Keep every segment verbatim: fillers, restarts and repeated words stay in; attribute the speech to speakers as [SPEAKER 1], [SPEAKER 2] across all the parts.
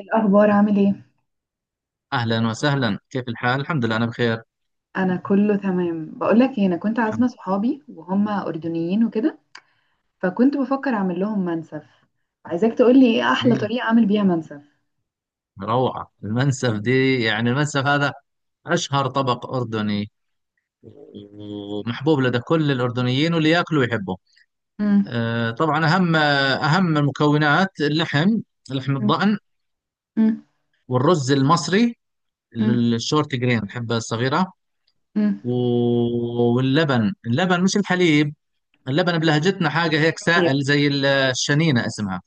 [SPEAKER 1] الأخبار عامل ايه؟
[SPEAKER 2] أهلا وسهلا، كيف الحال؟ الحمد لله أنا بخير.
[SPEAKER 1] أنا كله تمام. بقولك ايه، أنا كنت
[SPEAKER 2] الحمد
[SPEAKER 1] عازمة صحابي وهم أردنيين وكده، فكنت بفكر أعمل لهم منسف. عايزاك تقولي ايه أحلى
[SPEAKER 2] لله.
[SPEAKER 1] طريقة أعمل بيها منسف.
[SPEAKER 2] روعة، المنسف دي يعني المنسف هذا أشهر طبق أردني، ومحبوب لدى كل الأردنيين واللي ياكله يحبه.
[SPEAKER 1] مم.
[SPEAKER 2] أه، طبعا أهم أهم المكونات اللحم، لحم
[SPEAKER 1] مم.
[SPEAKER 2] الضأن،
[SPEAKER 1] مم.
[SPEAKER 2] والرز المصري
[SPEAKER 1] مم.
[SPEAKER 2] الشورت جرين، الحبة الصغيرة.
[SPEAKER 1] مم.
[SPEAKER 2] و- واللبن، اللبن مش الحليب. اللبن بلهجتنا حاجة هيك
[SPEAKER 1] طيب.
[SPEAKER 2] سائل، زي الشنينة اسمها.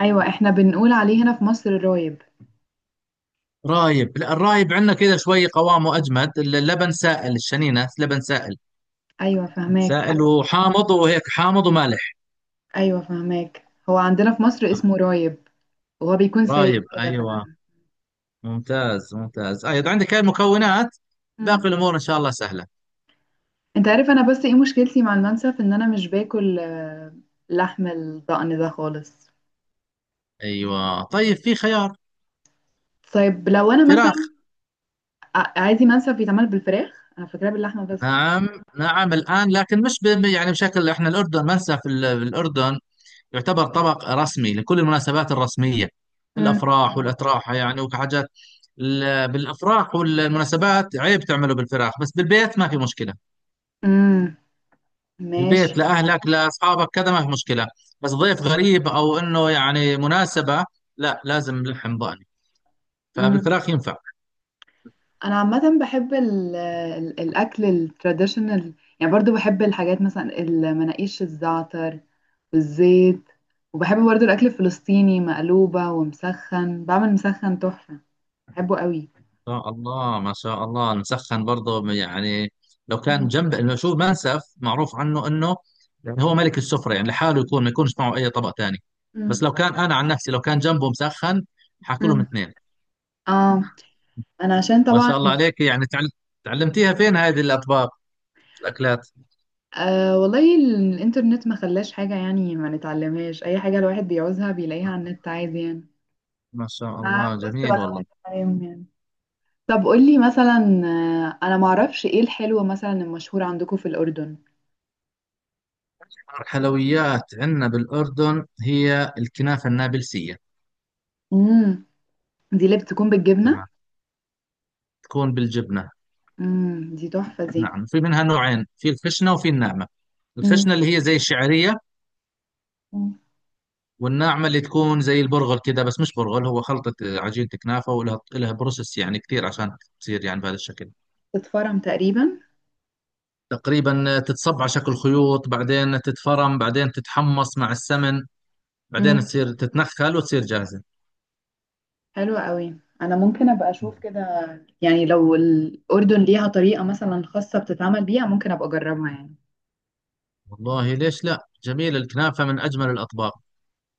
[SPEAKER 1] أيوة، احنا بنقول عليه هنا في مصر رايب.
[SPEAKER 2] رايب؟ لا، الرايب عندنا كذا شوي قوامه اجمد، اللبن سائل، الشنينه لبن سائل،
[SPEAKER 1] أيوة فهماك.
[SPEAKER 2] سائل وحامض وهيك، حامض ومالح.
[SPEAKER 1] أيوة فهماك، هو عندنا في مصر اسمه رايب وهو بيكون سايب
[SPEAKER 2] رايب،
[SPEAKER 1] كده
[SPEAKER 2] ايوه.
[SPEAKER 1] فعلا.
[SPEAKER 2] ممتاز ممتاز، ايوه عندك هاي المكونات،
[SPEAKER 1] مم.
[SPEAKER 2] باقي الامور ان شاء الله سهله.
[SPEAKER 1] انت عارف أنا بس ايه مشكلتي مع المنسف؟ إن أنا مش باكل آه، لحم الضأن ده خالص.
[SPEAKER 2] ايوه، طيب في خيار
[SPEAKER 1] طيب لو أنا
[SPEAKER 2] فراخ.
[SPEAKER 1] مثلا ع- عايزي منسف بيتعمل بالفراخ، انا فاكراه باللحمه بس.
[SPEAKER 2] نعم، نعم الان، لكن مش ب- يعني بشكل احنا الاردن ما ننسى، في ال- في الاردن يعتبر طبق رسمي لكل المناسبات الرسمية،
[SPEAKER 1] مم.
[SPEAKER 2] الأفراح والأتراح يعني وحاجات. ال- بالأفراح والمناسبات عيب تعمله بالفراخ، بس بالبيت ما في مشكلة.
[SPEAKER 1] امم.
[SPEAKER 2] بالبيت
[SPEAKER 1] ماشي.
[SPEAKER 2] لأهلك لأصحابك كذا ما في مشكلة، بس
[SPEAKER 1] مم.
[SPEAKER 2] ضيف غريب أو إنه يعني مناسبة، لا لازم لحم ضاني.
[SPEAKER 1] مم.
[SPEAKER 2] فبالفراخ ينفع.
[SPEAKER 1] انا عامه بحب ال ال الاكل التراديشنال، يعني برضو بحب الحاجات مثلا المناقيش الزعتر والزيت. وبحب برضو الاكل الفلسطيني مقلوبه ومسخن، بعمل مسخن تحفه، بحبه قوي.
[SPEAKER 2] شاء الله، ما شاء الله، مسخن برضه يعني، لو
[SPEAKER 1] مم.
[SPEAKER 2] كان جنب انه، شو، منسف معروف عنه انه يعني هو ملك السفره، يعني لحاله يكون، ما يكونش معه اي طبق ثاني. بس
[SPEAKER 1] مم.
[SPEAKER 2] لو كان، انا عن نفسي لو كان جنبه مسخن، حاكلهم
[SPEAKER 1] مم.
[SPEAKER 2] اثنين.
[SPEAKER 1] اه. انا عشان
[SPEAKER 2] ما
[SPEAKER 1] طبعا.
[SPEAKER 2] شاء الله عليك، يعني تعل... تعلمتيها فين هذه الاطباق، الاكلات؟
[SPEAKER 1] آه والله ال- الانترنت ما خلاش حاجه، يعني ما نتعلمهاش اي حاجه، الواحد بيعوزها بيلاقيها على النت عادي يعني.
[SPEAKER 2] ما شاء
[SPEAKER 1] آه،
[SPEAKER 2] الله،
[SPEAKER 1] بس
[SPEAKER 2] جميل
[SPEAKER 1] بطلع
[SPEAKER 2] والله.
[SPEAKER 1] كلام يعني. طب قولي مثلا، آه، انا معرفش ايه الحلوة مثلا المشهورة عندكم في الأردن.
[SPEAKER 2] الحلويات عندنا بالاردن هي الكنافه النابلسيه.
[SPEAKER 1] امم. دي اللي بتكون
[SPEAKER 2] تمام،
[SPEAKER 1] بالجبنة.
[SPEAKER 2] تكون بالجبنه.
[SPEAKER 1] امم، دي تحفة دي.
[SPEAKER 2] نعم، في منها نوعين، في الخشنه وفي الناعمه.
[SPEAKER 1] امم.
[SPEAKER 2] الخشنه اللي هي زي الشعريه،
[SPEAKER 1] أمم.
[SPEAKER 2] والناعمه اللي تكون زي البرغل كده، بس مش برغل، هو خلطه. آه، عجينه كنافه، ولها لها بروسس يعني كثير عشان تصير يعني بهذا الشكل.
[SPEAKER 1] تتفرم تقريبا.
[SPEAKER 2] تقريبا تتصب على شكل خيوط، بعدين تتفرم، بعدين تتحمص مع السمن، بعدين
[SPEAKER 1] امم.
[SPEAKER 2] تصير تتنخل وتصير جاهزه.
[SPEAKER 1] حلوة قوي، انا ممكن ابقى اشوف كده، يعني لو الأردن ليها طريقة مثلا خاصة بتتعمل بيها ممكن ابقى اجربها يعني.
[SPEAKER 2] والله ليش لا، جميل، الكنافه من اجمل الاطباق.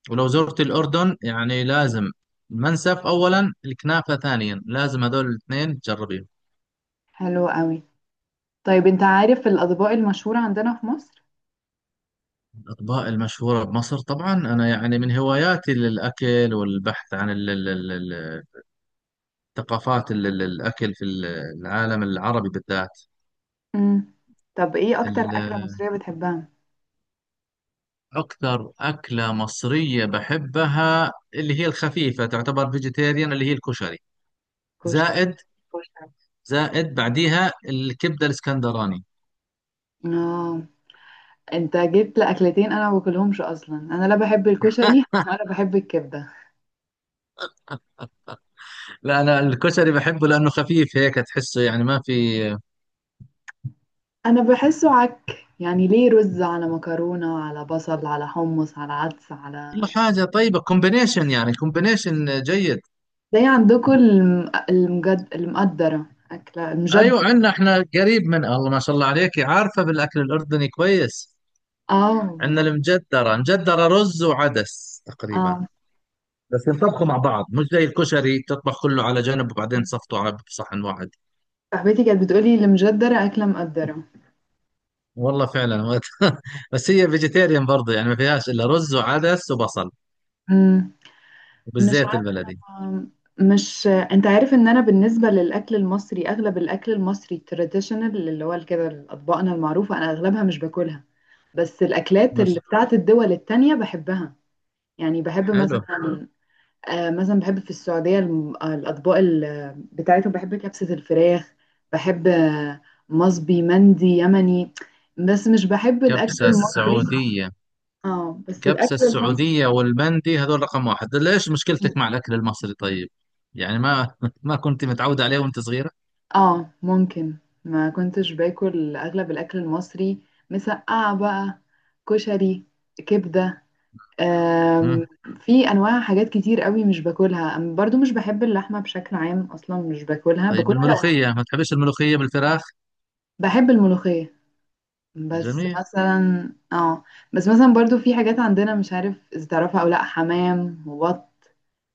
[SPEAKER 2] ولو زرت الاردن يعني لازم، المنسف اولا، الكنافه ثانيا، لازم هذول الاثنين تجربيهم.
[SPEAKER 1] حلوة قوي. طيب انت عارف الأطباق المشهورة عندنا في مصر؟
[SPEAKER 2] الأطباق المشهورة بمصر، طبعا أنا يعني من هواياتي للأكل، والبحث عن ثقافات ال- ال- الأكل في ال- العالم العربي بالذات.
[SPEAKER 1] امم. طب ايه اكتر
[SPEAKER 2] ال-
[SPEAKER 1] أكلة مصرية بتحبها؟
[SPEAKER 2] أكثر أكلة مصرية بحبها اللي هي الخفيفة، تعتبر فيجيتيريان، اللي هي الكشري،
[SPEAKER 1] كشري.
[SPEAKER 2] زائد، زائد بعديها الكبدة الإسكندراني.
[SPEAKER 1] اه، انت جبت لاكلتين انا ما باكلهمش اصلا، انا لا بحب الكشري ولا بحب الكبده.
[SPEAKER 2] لا، أنا الكشري بحبه لأنه خفيف هيك تحسه، يعني ما في.
[SPEAKER 1] انا بحسه عك، يعني ليه رز على مكرونه على بصل على حمص على عدس
[SPEAKER 2] كل
[SPEAKER 1] على
[SPEAKER 2] حاجة طيبة، كومبينيشن، يعني كومبينيشن جيد.
[SPEAKER 1] زي عندكم الم... المجد... المقدره، اكله
[SPEAKER 2] أيوة،
[SPEAKER 1] المجدره.
[SPEAKER 2] عندنا إحنا قريب. من الله، ما شاء الله عليك، عارفة بالأكل الأردني كويس.
[SPEAKER 1] اه ما انا.
[SPEAKER 2] عندنا المجدرة، مجدرة رز وعدس تقريبا،
[SPEAKER 1] اه.
[SPEAKER 2] بس ينطبخوا مع بعض، مش زي الكشري تطبخ كله على جنب وبعدين تصفطه على بصحن واحد.
[SPEAKER 1] صاحبتي كانت بتقولي المجدره اكله مقدره.
[SPEAKER 2] والله فعلا وقت بس هي فيجيتيريان برضه، يعني ما فيهاش الا رز وعدس وبصل،
[SPEAKER 1] امم. مش
[SPEAKER 2] وبالزيت البلدي.
[SPEAKER 1] آم، مش انت عارف ان انا بالنسبه للاكل المصري اغلب الاكل المصري التراديشنال اللي هو كده اطباقنا المعروفه انا اغلبها مش باكلها. بس الاكلات اللي
[SPEAKER 2] ماشي.
[SPEAKER 1] بتاعت الدول التانية بحبها. يعني بحب
[SPEAKER 2] حلو.
[SPEAKER 1] مثلا، آه مثلا بحب في السعوديه الم- آه، الاطباق ال- بتاعتهم، بحب كبسه الفراخ. بحب آه، مصبي مندي يمني. بس مش بحب الاكل
[SPEAKER 2] كبسة
[SPEAKER 1] المصري.
[SPEAKER 2] السعودية،
[SPEAKER 1] اه بس
[SPEAKER 2] كبسة
[SPEAKER 1] الاكل المصري.
[SPEAKER 2] السعودية والمندي، هذول رقم واحد. ليش مشكلتك مع الأكل المصري طيب؟ يعني ما ما كنت متعودة عليه وأنت صغيرة؟
[SPEAKER 1] اه ممكن. ما كنتش باكل اغلب الاكل المصري، مسقعة بقى، كشري، كبدة، آم،
[SPEAKER 2] مم.
[SPEAKER 1] في انواع حاجات كتير قوي مش باكلها. أم- برضو مش بحب اللحمة بشكل عام اصلا مش باكلها،
[SPEAKER 2] طيب
[SPEAKER 1] باكلها لو.
[SPEAKER 2] الملوخية، ما تحبش الملوخية بالفراخ؟
[SPEAKER 1] بحب الملوخية. بس
[SPEAKER 2] جميل.
[SPEAKER 1] مثلا اه. بس مثلا برضو في حاجات عندنا مش عارف اذا تعرفها او لا، حمام وبط.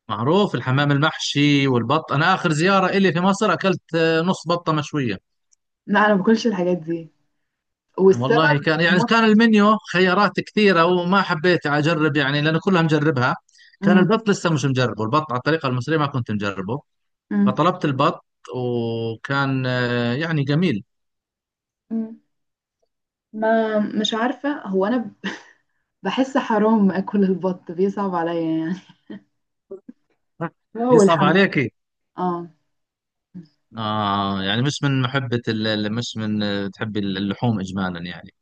[SPEAKER 2] معروف الحمام المحشي والبط، أنا آخر زيارة إلي في مصر أكلت آه، نص بطة مشوية.
[SPEAKER 1] لا انا ما باكلش الحاجات دي، والسبب
[SPEAKER 2] والله كان، يعني كان
[SPEAKER 1] مضحك.
[SPEAKER 2] المنيو خيارات كثيرة وما حبيت أجرب يعني، لأنه كلها مجربها. كان
[SPEAKER 1] مم،
[SPEAKER 2] البط لسه مش مجربه، البط على الطريقة المصرية ما كنت مجربه،
[SPEAKER 1] مم،
[SPEAKER 2] فطلبت البط، وكان آه، يعني جميل.
[SPEAKER 1] مم. ما مش عارفة، هو أنا بحس حرام اكل البط، بيصعب عليا يعني. هو
[SPEAKER 2] يصعب
[SPEAKER 1] الحمام.
[SPEAKER 2] عليكي.
[SPEAKER 1] اه.
[SPEAKER 2] آه يعني مش من محبة ال- ال- مش من، آه، تحبي اللحوم إجمالا يعني.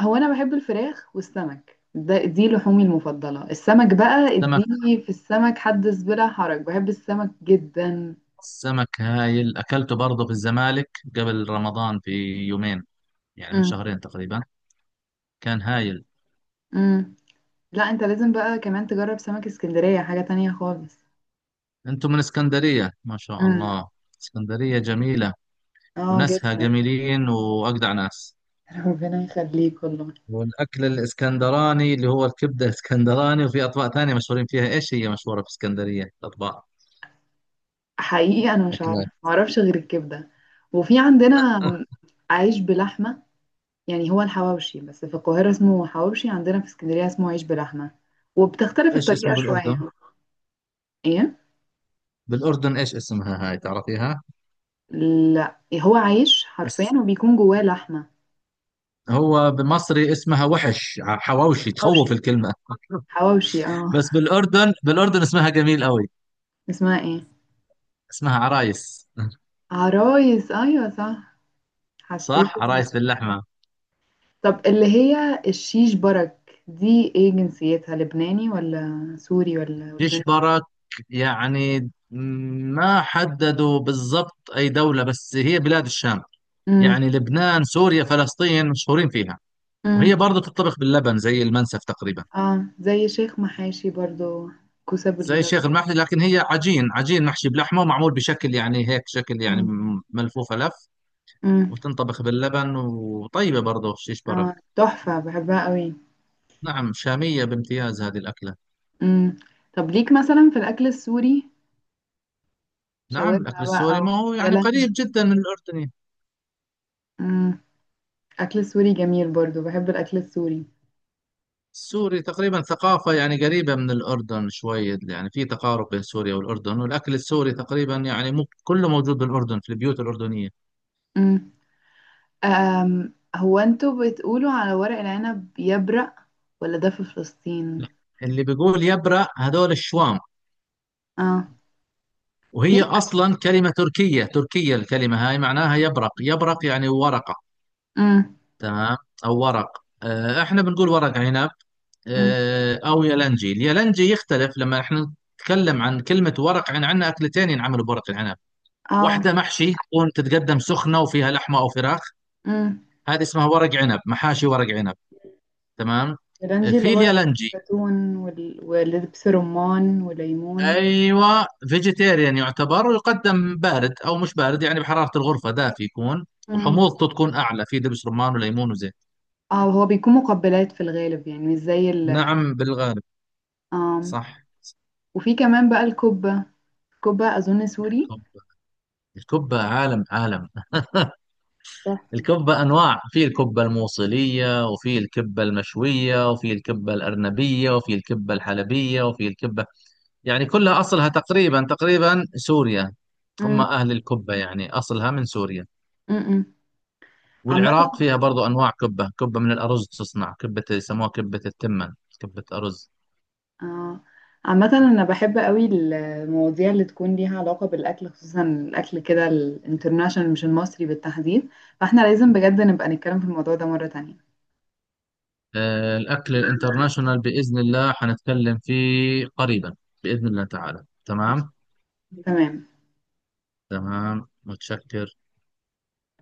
[SPEAKER 1] هو انا بحب الفراخ والسمك، ده دي لحومي المفضله، السمك بقى
[SPEAKER 2] سمك،
[SPEAKER 1] اديني في السمك حدث بلا حرج، بحب السمك جدا.
[SPEAKER 2] سمك هايل، أكلته برضه في الزمالك قبل رمضان في يومين، يعني من
[SPEAKER 1] امم.
[SPEAKER 2] شهرين تقريبا. كان هايل.
[SPEAKER 1] امم. لا انت لازم بقى كمان تجرب سمك اسكندريه، حاجه تانية خالص.
[SPEAKER 2] انتم من اسكندرية، ما شاء
[SPEAKER 1] امم.
[SPEAKER 2] الله، اسكندرية جميلة،
[SPEAKER 1] اه
[SPEAKER 2] وناسها
[SPEAKER 1] جدا.
[SPEAKER 2] جميلين واجدع ناس.
[SPEAKER 1] ربنا يخليك والله.
[SPEAKER 2] والاكل الاسكندراني اللي هو الكبدة اسكندراني، وفي اطباق ثانية مشهورين فيها، ايش هي مشهورة في اسكندرية الاطباق،
[SPEAKER 1] حقيقي انا مش عارفه،
[SPEAKER 2] اكلات؟
[SPEAKER 1] معرفش غير الكبده. وفي عندنا عيش بلحمه، يعني هو الحواوشي بس في القاهرة اسمه حواوشي، عندنا في اسكندرية اسمه عيش بلحمة، وبتختلف
[SPEAKER 2] ايش
[SPEAKER 1] الطريقة
[SPEAKER 2] اسمه
[SPEAKER 1] شوية.
[SPEAKER 2] بالاردن؟
[SPEAKER 1] ايه؟
[SPEAKER 2] بالاردن ايش اسمها هاي، تعرفيها؟
[SPEAKER 1] لا هو عيش حرفيا
[SPEAKER 2] بس.
[SPEAKER 1] وبيكون جواه لحمة.
[SPEAKER 2] هو بمصري اسمها وحش، ع- حواوشي،
[SPEAKER 1] حواوشي.
[SPEAKER 2] تخوف الكلمة
[SPEAKER 1] حواوشي اه.
[SPEAKER 2] بس بالاردن، بالاردن اسمها جميل قوي.
[SPEAKER 1] اسمها ايه؟
[SPEAKER 2] اسمها عرايس
[SPEAKER 1] عرايس، ايوه صح. حسيت
[SPEAKER 2] صح،
[SPEAKER 1] ان.
[SPEAKER 2] عرايس باللحمة.
[SPEAKER 1] طب اللي هي الشيش برك دي ايه جنسيتها، لبناني ولا سوري ولا اردني؟
[SPEAKER 2] يشبرك يعني، ما حددوا بالضبط أي دولة، بس هي بلاد الشام،
[SPEAKER 1] امم.
[SPEAKER 2] يعني لبنان سوريا فلسطين مشهورين فيها. وهي
[SPEAKER 1] امم.
[SPEAKER 2] برضه تطبخ باللبن زي المنسف تقريبا.
[SPEAKER 1] اه زي شيخ محاشي برضو، كوسة
[SPEAKER 2] زي
[SPEAKER 1] بال.
[SPEAKER 2] الشيخ المحلي، لكن هي عجين، عجين محشي بلحمة، ومعمول بشكل يعني هيك شكل يعني،
[SPEAKER 1] امم.
[SPEAKER 2] م- ملفوفة لف،
[SPEAKER 1] امم.
[SPEAKER 2] وتنطبخ باللبن، وطيبة برضه شيش برك.
[SPEAKER 1] اه تحفة بحبها قوي.
[SPEAKER 2] نعم، شامية بامتياز هذه الأكلة.
[SPEAKER 1] امم. طب ليك مثلا في الأكل السوري؟
[SPEAKER 2] نعم، الأكل
[SPEAKER 1] شاورما بقى
[SPEAKER 2] السوري
[SPEAKER 1] أو.
[SPEAKER 2] ما هو
[SPEAKER 1] يا
[SPEAKER 2] يعني قريب
[SPEAKER 1] لهوي.
[SPEAKER 2] جدا من الأردن.
[SPEAKER 1] امم. أكل سوري جميل، برضو بحب الأكل السوري.
[SPEAKER 2] سوري تقريبا ثقافة، يعني قريبة من الأردن شوية، يعني في تقارب بين سوريا والأردن، والأكل السوري تقريبا يعني مو كله موجود بالأردن في البيوت الأردنية.
[SPEAKER 1] امم. أم هو انتوا بتقولوا على ورق العنب يبرق ولا ده في فلسطين؟
[SPEAKER 2] لا، اللي بيقول يبرق هذول الشوام.
[SPEAKER 1] اه. في.
[SPEAKER 2] وهي أصلا كلمة تركية، تركية الكلمة هاي، معناها يبرق، يبرق يعني ورقة.
[SPEAKER 1] امم.
[SPEAKER 2] تمام. أو ورق، آه، إحنا بنقول ورق عنب.
[SPEAKER 1] امم.
[SPEAKER 2] آه، أو يلنجي، اليلنجي يختلف. لما إحنا نتكلم عن كلمة ورق عن، عندنا أكلتين ينعملوا بورق العنب،
[SPEAKER 1] اه.
[SPEAKER 2] واحدة محشي تكون تتقدم سخنة وفيها لحمة أو فراخ،
[SPEAKER 1] امم.
[SPEAKER 2] هذه اسمها ورق عنب، محاشي ورق عنب. تمام.
[SPEAKER 1] الرنجي اللي
[SPEAKER 2] في
[SPEAKER 1] هو
[SPEAKER 2] اليالنجي،
[SPEAKER 1] الزيتون وال... ولبس رمان وليمون.
[SPEAKER 2] ايوه فيجيتيريان يعتبر، ويقدم بارد او مش بارد يعني، بحراره الغرفه دافي يكون،
[SPEAKER 1] امم.
[SPEAKER 2] وحموضته تكون اعلى، في دبس رمان وليمون وزيت.
[SPEAKER 1] اه هو بيكون مقبلات في الغالب، يعني مش زي ال.
[SPEAKER 2] نعم بالغالب.
[SPEAKER 1] آم.
[SPEAKER 2] صح.
[SPEAKER 1] وفي كمان بقى الكبة، الكبة أظن سوري.
[SPEAKER 2] الكبة، الكبة عالم عالم.
[SPEAKER 1] تحفة.
[SPEAKER 2] الكبة أنواع، في الكبة الموصلية وفي الكبة المشوية وفي الكبة الأرنبية وفي الكبة الحلبية وفي الكبة، يعني كلها أصلها تقريبا تقريبا سوريا، هم
[SPEAKER 1] مم.
[SPEAKER 2] أهل الكبة، يعني أصلها من سوريا.
[SPEAKER 1] مم. عامة
[SPEAKER 2] والعراق فيها برضو أنواع كبة، كبة من الأرز تصنع، كبة يسموها كبة التمن، كبة أرز.
[SPEAKER 1] آه. عامة أنا بحب قوي المواضيع اللي تكون ليها علاقة بالأكل، خصوصا الأكل كده الانترناشونال مش المصري بالتحديد، فاحنا لازم بجد نبقى نتكلم في الموضوع ده مرة تانية.
[SPEAKER 2] آه، الأكل الانترناشونال بإذن الله حنتكلم فيه قريبا، بإذن الله تعالى. تمام.
[SPEAKER 1] تمام.
[SPEAKER 2] تمام، متشكر.